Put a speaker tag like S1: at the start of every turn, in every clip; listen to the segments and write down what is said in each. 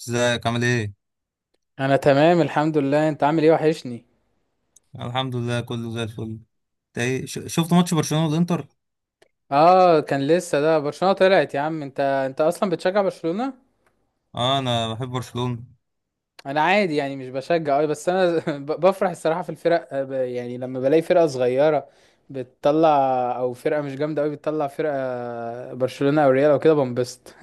S1: ازيك عامل ايه؟
S2: انا تمام، الحمد لله. انت عامل ايه؟ وحشني.
S1: الحمد لله كله زي الفل. انت ايه شفت ماتش برشلونة والانتر؟
S2: اه، كان لسه ده. برشلونة طلعت يا عم. انت اصلا بتشجع برشلونة.
S1: اه، انا بحب برشلونة.
S2: انا عادي يعني، مش بشجع قوي، بس انا بفرح الصراحة في الفرق آه، يعني لما بلاقي فرقة صغيرة بتطلع او فرقة مش جامدة قوي بتطلع فرقة برشلونة او ريال او كده بنبسط.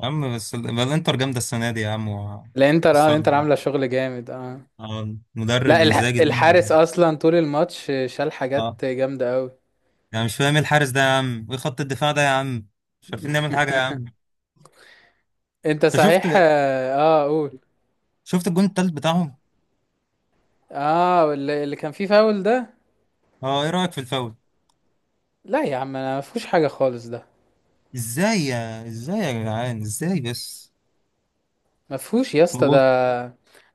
S1: يا عم بس بقى الانتر جامدة السنة دي يا عم،
S2: لا، انتر، اه،
S1: وكسرت
S2: انتر
S1: الدنيا.
S2: عاملة شغل جامد، اه.
S1: اه، مدرب
S2: لا،
S1: انزاجي ده.
S2: الحارس اصلا طول الماتش شال
S1: اه،
S2: حاجات جامدة قوي.
S1: يعني مش فاهم ايه الحارس ده يا عم، وايه خط الدفاع ده يا عم. مش عارفين نعمل حاجة يا عم.
S2: انت
S1: انت شفت
S2: صحيح، اه آه، قول.
S1: شفت الجون التالت بتاعهم؟
S2: اه، اللي كان فيه فاول ده.
S1: اه، ايه رأيك في الفاول؟
S2: لا يا عم، انا ما فيهوش حاجه خالص ده.
S1: ازاي يا جدعان ازاي بس؟
S2: ما فيهوش يا اسطى ده.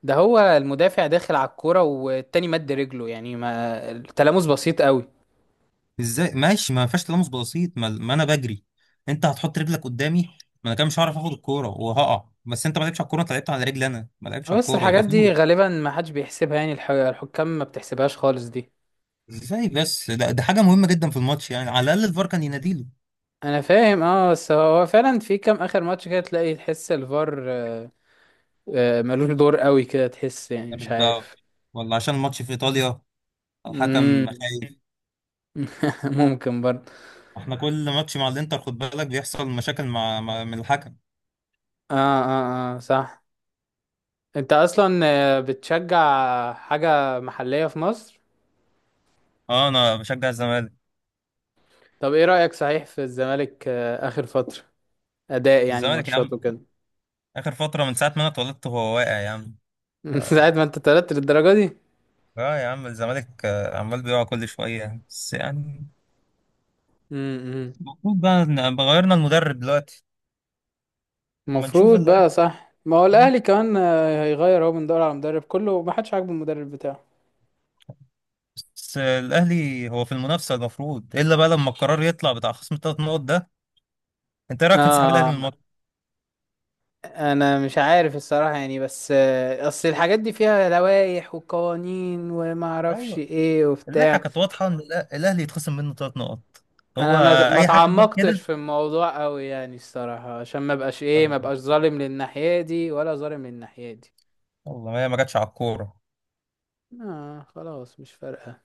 S2: ده هو المدافع داخل على الكوره والتاني مد رجله، يعني ما التلامس بسيط قوي.
S1: ازاي ماشي ما فيهاش تلامس بسيط، ما انا بجري. انت هتحط رجلك قدامي. ما انا كده مش هعرف اخد الكوره وهقع، بس انت ما لعبتش على الكوره، انت لعبت على رجلي، انا ما لعبتش على
S2: بس
S1: الكوره يبقى
S2: الحاجات دي
S1: فاول.
S2: غالبا ما حدش بيحسبها، يعني الحكام ما بتحسبهاش خالص دي.
S1: ازاي بس؟ ده حاجه مهمه جدا في الماتش، يعني على الاقل الفار كان يناديله.
S2: انا فاهم، اه، بس هو فعلا في كام اخر ماتش كده تلاقي تحس الفار آه، آه، ملوش دور قوي كده، تحس يعني
S1: عارف
S2: مش
S1: بقى،
S2: عارف.
S1: ولا عشان الماتش في ايطاليا الحكم
S2: امم.
S1: خايف؟
S2: ممكن برضه.
S1: احنا كل ماتش مع الانتر خد بالك بيحصل مشاكل مع من الحكم.
S2: اه اه اه، صح. انت اصلا آه، بتشجع حاجه محليه في مصر.
S1: اه، انا بشجع الزمالك.
S2: طب ايه رأيك صحيح في الزمالك آه، آخر فترة، أداء يعني
S1: الزمالك يا
S2: ماتشات
S1: عم،
S2: وكده.
S1: اخر فتره من ساعه ما انا اتولدت هو واقع يا عم.
S2: من ساعة ما انت اتولدت للدرجة دي؟
S1: اه يا عم الزمالك عمال بيقع كل شوية، بس يعني
S2: امم.
S1: المفروض بقى غيرنا المدرب دلوقتي. ما نشوف
S2: المفروض
S1: اللي.
S2: بقى، صح، ما هو الأهلي كمان آه، هيغير، هو من دور على مدرب، كله ما حدش عاجبه المدرب بتاعه.
S1: بس الأهلي هو في المنافسة المفروض، إلا بقى لما القرار يطلع بتاع خصم الثلاث نقط ده. أنت إيه رأيك في انسحاب الأهلي من
S2: اه،
S1: الماتش؟
S2: انا مش عارف الصراحة يعني، بس آه، اصل الحاجات دي فيها لوائح وقوانين وما اعرفش
S1: أيوه،
S2: ايه
S1: اللائحة
S2: وبتاع.
S1: كانت واضحة إن الأهلي يتخصم منه 3 نقط. هو
S2: انا ما
S1: أي حاجة غير كده.
S2: تعمقتش في الموضوع قوي يعني الصراحة عشان
S1: آه،
S2: ما بقاش ظالم للناحية دي ولا ظالم للناحية دي.
S1: والله ما هي ما جاتش على الكورة.
S2: آه خلاص مش فارقة.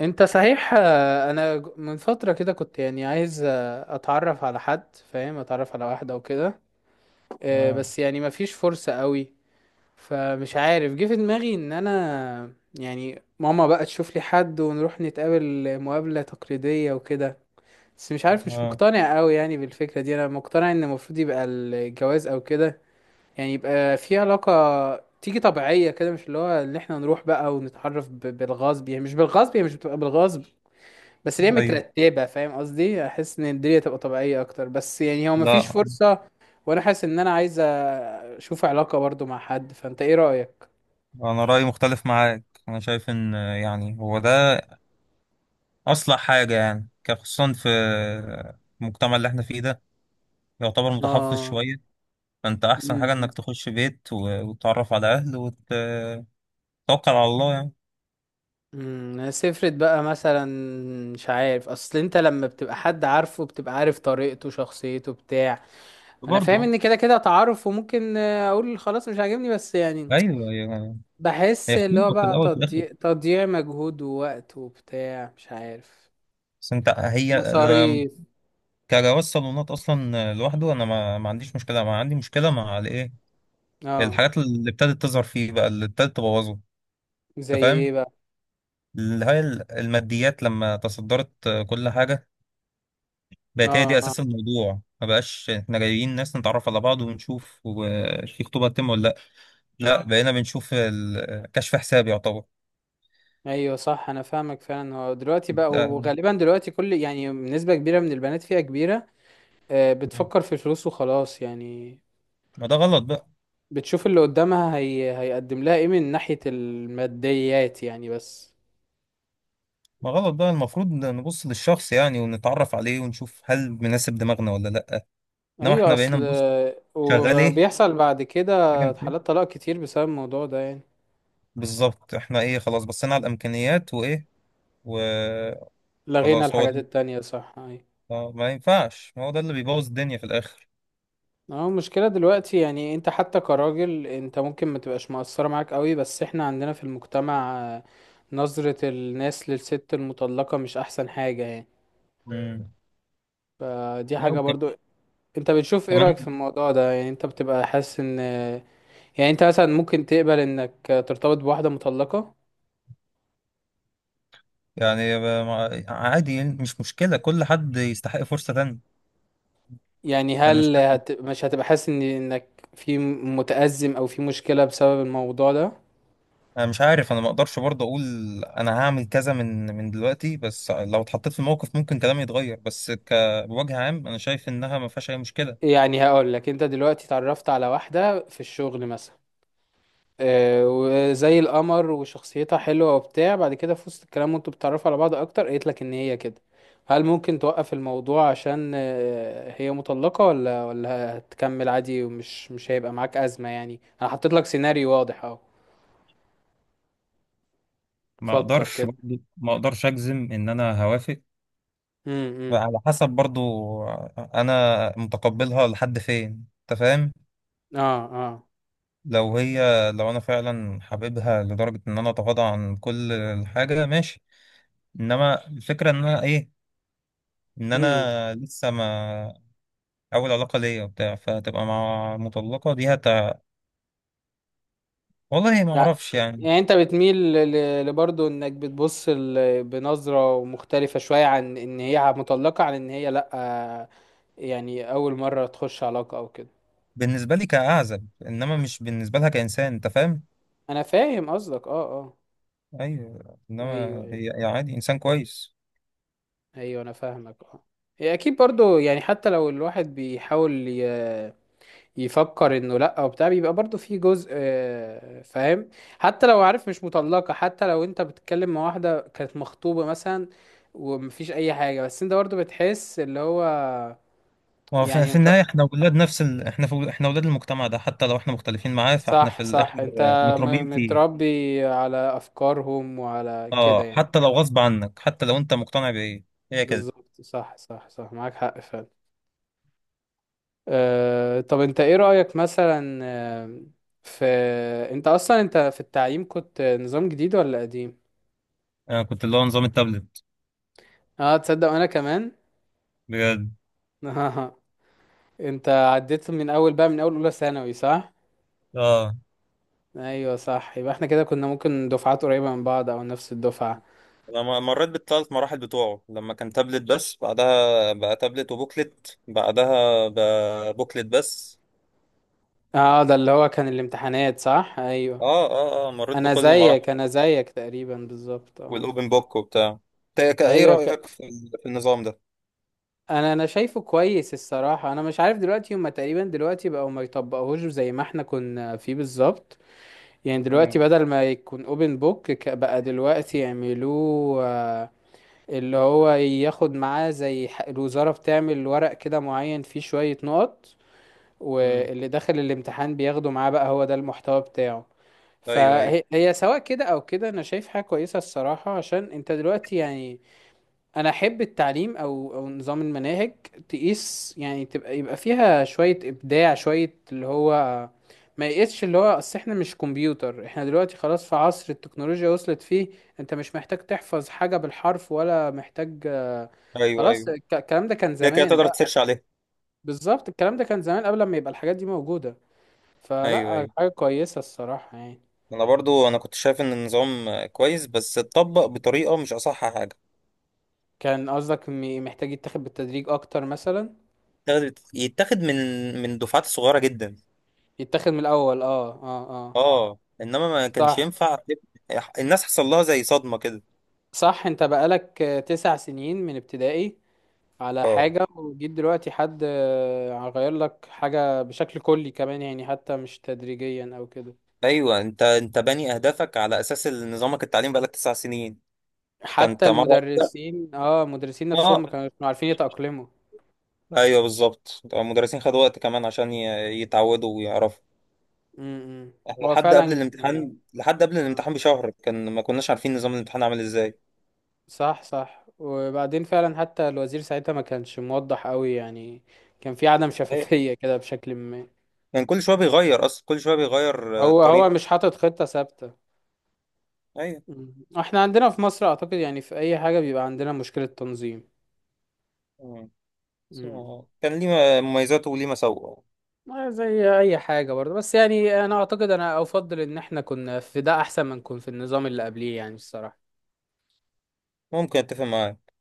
S2: انت صحيح آه، انا من فترة كده كنت يعني عايز آه، اتعرف على حد، فاهم، اتعرف على واحدة او كده آه،
S1: اه،
S2: بس يعني مفيش فرصة قوي. فمش عارف، جه في دماغي ان انا يعني ماما بقى تشوف لي حد ونروح نتقابل مقابلة تقليدية وكده، بس مش عارف، مش
S1: اه،
S2: مقتنع قوي يعني بالفكرة دي. انا مقتنع ان المفروض يبقى الجواز او كده، يعني يبقى في علاقة تيجي طبيعية كده، مش اللي هو ان احنا نروح بقى ونتعرف بالغصب، يعني مش بالغصب، هي مش بتبقى بالغصب، بس اللي هي
S1: ايوه،
S2: مترتبة، فاهم قصدي، احس ان الدنيا تبقى طبيعية اكتر. بس يعني هو مفيش
S1: لا.
S2: فرصة. وانا حاسس ان انا عايز اشوف علاقة برضو مع حد. فانت ايه رأيك؟
S1: انا رايي مختلف معاك، انا شايف ان يعني هو ده اصلح حاجه، يعني كان خصوصا في المجتمع اللي احنا فيه ده يعتبر متحفظ
S2: اه.
S1: شويه. فانت احسن حاجه انك
S2: امم
S1: تخش بيت و- وتتعرف على اهل وتتوكل على الله يعني.
S2: امم. سفرت بقى مثلا، مش عارف، اصل انت لما بتبقى حد عارفه بتبقى عارف طريقته، شخصيته، بتاع. انا فاهم
S1: برضه،
S2: ان كده كده تعارف وممكن آه، اقول خلاص مش عاجبني، بس يعني
S1: ايوه. هي
S2: بحس
S1: هي
S2: اللي هو
S1: خطوبه في
S2: بقى
S1: الاول وفي الاخر.
S2: تضييع، مجهود ووقت وبتاع، مش عارف.
S1: بس انت هي أنا
S2: مصاريف.
S1: كجواز صالونات اصلا لوحده، انا ما عنديش مشكله، ما عندي مشكله مع الايه،
S2: اه.
S1: الحاجات اللي ابتدت تظهر فيه بقى، اللي ابتدت تبوظه.
S2: زي
S1: انت فاهم؟
S2: ايه بقى؟
S1: اللي هي الماديات لما تصدرت كل حاجه، بقت هي
S2: اه
S1: دي
S2: اه.
S1: اساس الموضوع، ما بقاش احنا جايين ناس نتعرف على بعض ونشوف في خطوبه تتم ولا لا. لا، اه، بقينا بنشوف كشف حساب يعتبر.
S2: ايوه صح، انا فاهمك فعلا. هو دلوقتي بقى،
S1: ده-
S2: وغالبا دلوقتي كل، يعني، نسبة كبيرة من البنات، فئة كبيرة آه، بتفكر في الفلوس وخلاص يعني.
S1: ما ده غلط بقى.
S2: بتشوف اللي قدامها هي هيقدم لها ايه من ناحية الماديات يعني بس.
S1: ما غلط بقى، المفروض نبص للشخص يعني ونتعرف عليه ونشوف هل مناسب دماغنا ولا لا. انما
S2: ايوه،
S1: احنا بقينا
S2: اصل
S1: نبص. شغال ايه؟
S2: وبيحصل بعد كده
S1: شغال فين؟
S2: حالات طلاق كتير بسبب الموضوع ده يعني.
S1: بالظبط، احنا ايه، خلاص بصينا على الامكانيات وايه، وخلاص.
S2: لغينا
S1: هو
S2: الحاجات
S1: ده.
S2: التانية، صح.
S1: ما ينفعش، ما هو ده اللي بيبوظ الدنيا في الاخر.
S2: اه، المشكلة دلوقتي يعني انت حتى كراجل، انت ممكن ما تبقاش مقصرة معاك قوي، بس احنا عندنا في المجتمع آه، نظرة الناس للست المطلقة مش احسن حاجة يعني.
S1: مم.
S2: فدي
S1: لا.
S2: حاجة برضو. انت بتشوف ايه رأيك في
S1: وكمان
S2: الموضوع ده؟ يعني انت بتبقى حاسس ان، يعني انت مثلا ممكن تقبل انك ترتبط بواحدة مطلقة؟
S1: يعني عادي يعني، مش مشكلة، كل حد يستحق فرصة تانية.
S2: يعني
S1: أنا مش،
S2: هل مش هتبقى حاسس ان انك في، متأزم، او في مشكلة بسبب الموضوع ده؟
S1: أنا مش عارف، أنا ما أقدرش برضه أقول أنا هعمل كذا من دلوقتي، بس لو اتحطيت في الموقف ممكن كلامي يتغير، بس بوجه عام أنا شايف إنها ما فيهاش أي مشكلة.
S2: يعني هقول لك، انت دلوقتي اتعرفت على واحدة في الشغل مثلا آه، وزي القمر وشخصيتها حلوة وبتاع، بعد كده في وسط الكلام وانتوا بتتعرفوا على بعض اكتر قالت لك ان هي كده، هل ممكن توقف الموضوع عشان آه، هي مطلقة، ولا هتكمل عادي ومش مش هيبقى معاك أزمة؟ يعني انا حطيت لك سيناريو واضح اهو.
S1: ما
S2: فكر
S1: أقدرش
S2: كده.
S1: برضه، ما أقدرش أجزم إن أنا هوافق.
S2: امم امم.
S1: على حسب، برضه أنا متقبلها لحد فين، أنت فاهم.
S2: اه اه.
S1: لو هي، لو أنا فعلا حاببها لدرجة إن أنا أتغاضى عن كل حاجة، ماشي، انما الفكره ان انا ايه، ان
S2: امم
S1: انا لسه ما اول علاقه ليا وبتاع، فتبقى مع مطلقه دي والله ما
S2: يعني
S1: اعرفش يعني.
S2: انت بتميل لبرضه انك بتبص بنظرة مختلفة شوية عن ان هي مطلقة، عن ان هي لأ آه، يعني اول مرة تخش علاقة او كده.
S1: بالنسبه لي كاعزب انما مش بالنسبه لها كانسان، انت فاهم.
S2: انا فاهم قصدك، اه اه.
S1: ايوه، انما
S2: ايوه ايوه،
S1: هي عادي انسان كويس.
S2: ايوه انا فاهمك اه. هي اكيد برضو يعني، حتى لو الواحد بيحاول يفكر انه لا وبتاع، بيبقى برضو في جزء آه، فاهم، حتى لو عارف مش مطلقة، حتى لو انت بتتكلم مع واحدة كانت مخطوبة مثلا ومفيش اي حاجة، بس انت برضو بتحس اللي هو،
S1: ما هو في
S2: يعني
S1: في
S2: انت،
S1: النهايه احنا ولاد نفس احنا احنا ولاد المجتمع ده، حتى لو احنا مختلفين معاه فاحنا
S2: صح
S1: في الاخر
S2: صح، انت
S1: متربيين فيه.
S2: متربي على افكارهم وعلى كده
S1: اه،
S2: يعني.
S1: حتى لو غصب عنك، حتى لو انت مقتنع بايه، هي كده.
S2: بالظبط، صح صح صح، معاك حق فعلا. آه، طب انت ايه رأيك مثلا آه، في، انت اصلا انت في التعليم كنت نظام جديد ولا قديم؟
S1: انا كنت اللي هو نظام التابلت.
S2: اه تصدق، انا كمان.
S1: بجد.
S2: انت عديت من اول بقى، من اول اولى ثانوي، صح؟
S1: اه،
S2: ايوه صح، يبقى احنا كده كنا ممكن دفعات قريبة من بعض او نفس الدفعة.
S1: انا مريت بالثلاث مراحل بتوعه، لما كان تابلت بس، بعدها بقى تابلت وبوكلت، بعدها بقى بوكلت بس.
S2: اه ده اللي هو كان الامتحانات، صح، ايوه.
S1: اه، اه، اه، مريت
S2: انا
S1: بكل المراحل
S2: زيك، انا زيك تقريبا بالظبط، اه.
S1: والاوبن بوك وبتاع. ايه
S2: ايوه،
S1: رأيك في في النظام ده؟
S2: انا شايفه كويس الصراحه. انا مش عارف دلوقتي، هما تقريبا دلوقتي بقوا ما يطبقوهوش زي ما احنا كنا فيه بالظبط، يعني دلوقتي
S1: امم،
S2: بدل ما يكون اوبن بوك، بقى دلوقتي يعملوه آه، اللي هو ياخد معاه زي الوزاره بتعمل ورق كده معين فيه شويه نقط،
S1: امم.
S2: واللي داخل الامتحان بياخده معاه، بقى هو ده المحتوى بتاعه.
S1: ايوه، ايوه.
S2: فهي هي سواء كده او كده انا شايف حاجه كويسه الصراحه، عشان انت دلوقتي يعني، انا احب التعليم او نظام المناهج تقيس، يعني تبقى يبقى فيها شويه ابداع، شويه اللي هو ما يقيسش، اللي هو اصل احنا مش كمبيوتر، احنا دلوقتي خلاص في عصر التكنولوجيا وصلت فيه، انت مش محتاج تحفظ حاجه بالحرف ولا محتاج.
S1: ايوه،
S2: خلاص
S1: ايوه،
S2: الكلام ده كان
S1: كده كده
S2: زمان
S1: تقدر
S2: بقى.
S1: تسيرش عليه.
S2: بالظبط، الكلام ده كان زمان قبل ما يبقى الحاجات دي موجوده،
S1: ايوه،
S2: فلا
S1: ايوه،
S2: حاجه كويسه الصراحه يعني.
S1: انا برضو انا كنت شايف ان النظام كويس، بس اتطبق بطريقة مش اصح حاجة.
S2: كان قصدك محتاج يتاخد بالتدريج اكتر مثلا؟
S1: يتاخد من دفعات صغيرة جدا.
S2: يتاخد من الاول، اه اه اه.
S1: اه، انما ما كانش
S2: صح
S1: ينفع، الناس حصل لها زي صدمة كده.
S2: صح، انت بقالك 9 سنين من ابتدائي على
S1: اه،
S2: حاجة، وجيت دلوقتي حد آه، غير لك حاجة بشكل كلي كمان يعني، حتى مش تدريجيا او كده.
S1: ايوه، انت باني اهدافك على اساس نظامك التعليم بقالك 9 سنين. فانت
S2: حتى
S1: مره واحدة-
S2: المدرسين، اه، المدرسين نفسهم
S1: اه.
S2: ما كانوا عارفين يتأقلموا.
S1: ايوه بالظبط، المدرسين خدوا وقت كمان عشان يتعودوا ويعرفوا.
S2: امم.
S1: احنا
S2: هو
S1: لحد قبل
S2: فعلا كان
S1: الامتحان، لحد قبل
S2: آه،
S1: الامتحان بشهر، كان ما كناش عارفين نظام الامتحان عامل ازاي.
S2: صح صح. وبعدين فعلا حتى الوزير ساعتها ما كانش موضح قوي يعني، كان في عدم
S1: ايوه،
S2: شفافية كده بشكل ما.
S1: كان كل شويه بيغير، اصلا كل شويه بيغير
S2: هو
S1: الطريقه.
S2: مش حاطط خطة ثابتة.
S1: ايوه.
S2: مم. احنا عندنا في مصر اعتقد يعني في اي حاجة بيبقى عندنا مشكلة تنظيم.
S1: مم. بس
S2: مم.
S1: هو كان ليه مميزاته وليه مساوئه.
S2: ما زي اي حاجة برضه، بس يعني انا اعتقد، انا افضل ان احنا كنا في ده احسن ما نكون في النظام اللي قبليه يعني الصراحة.
S1: ممكن اتفق معاك.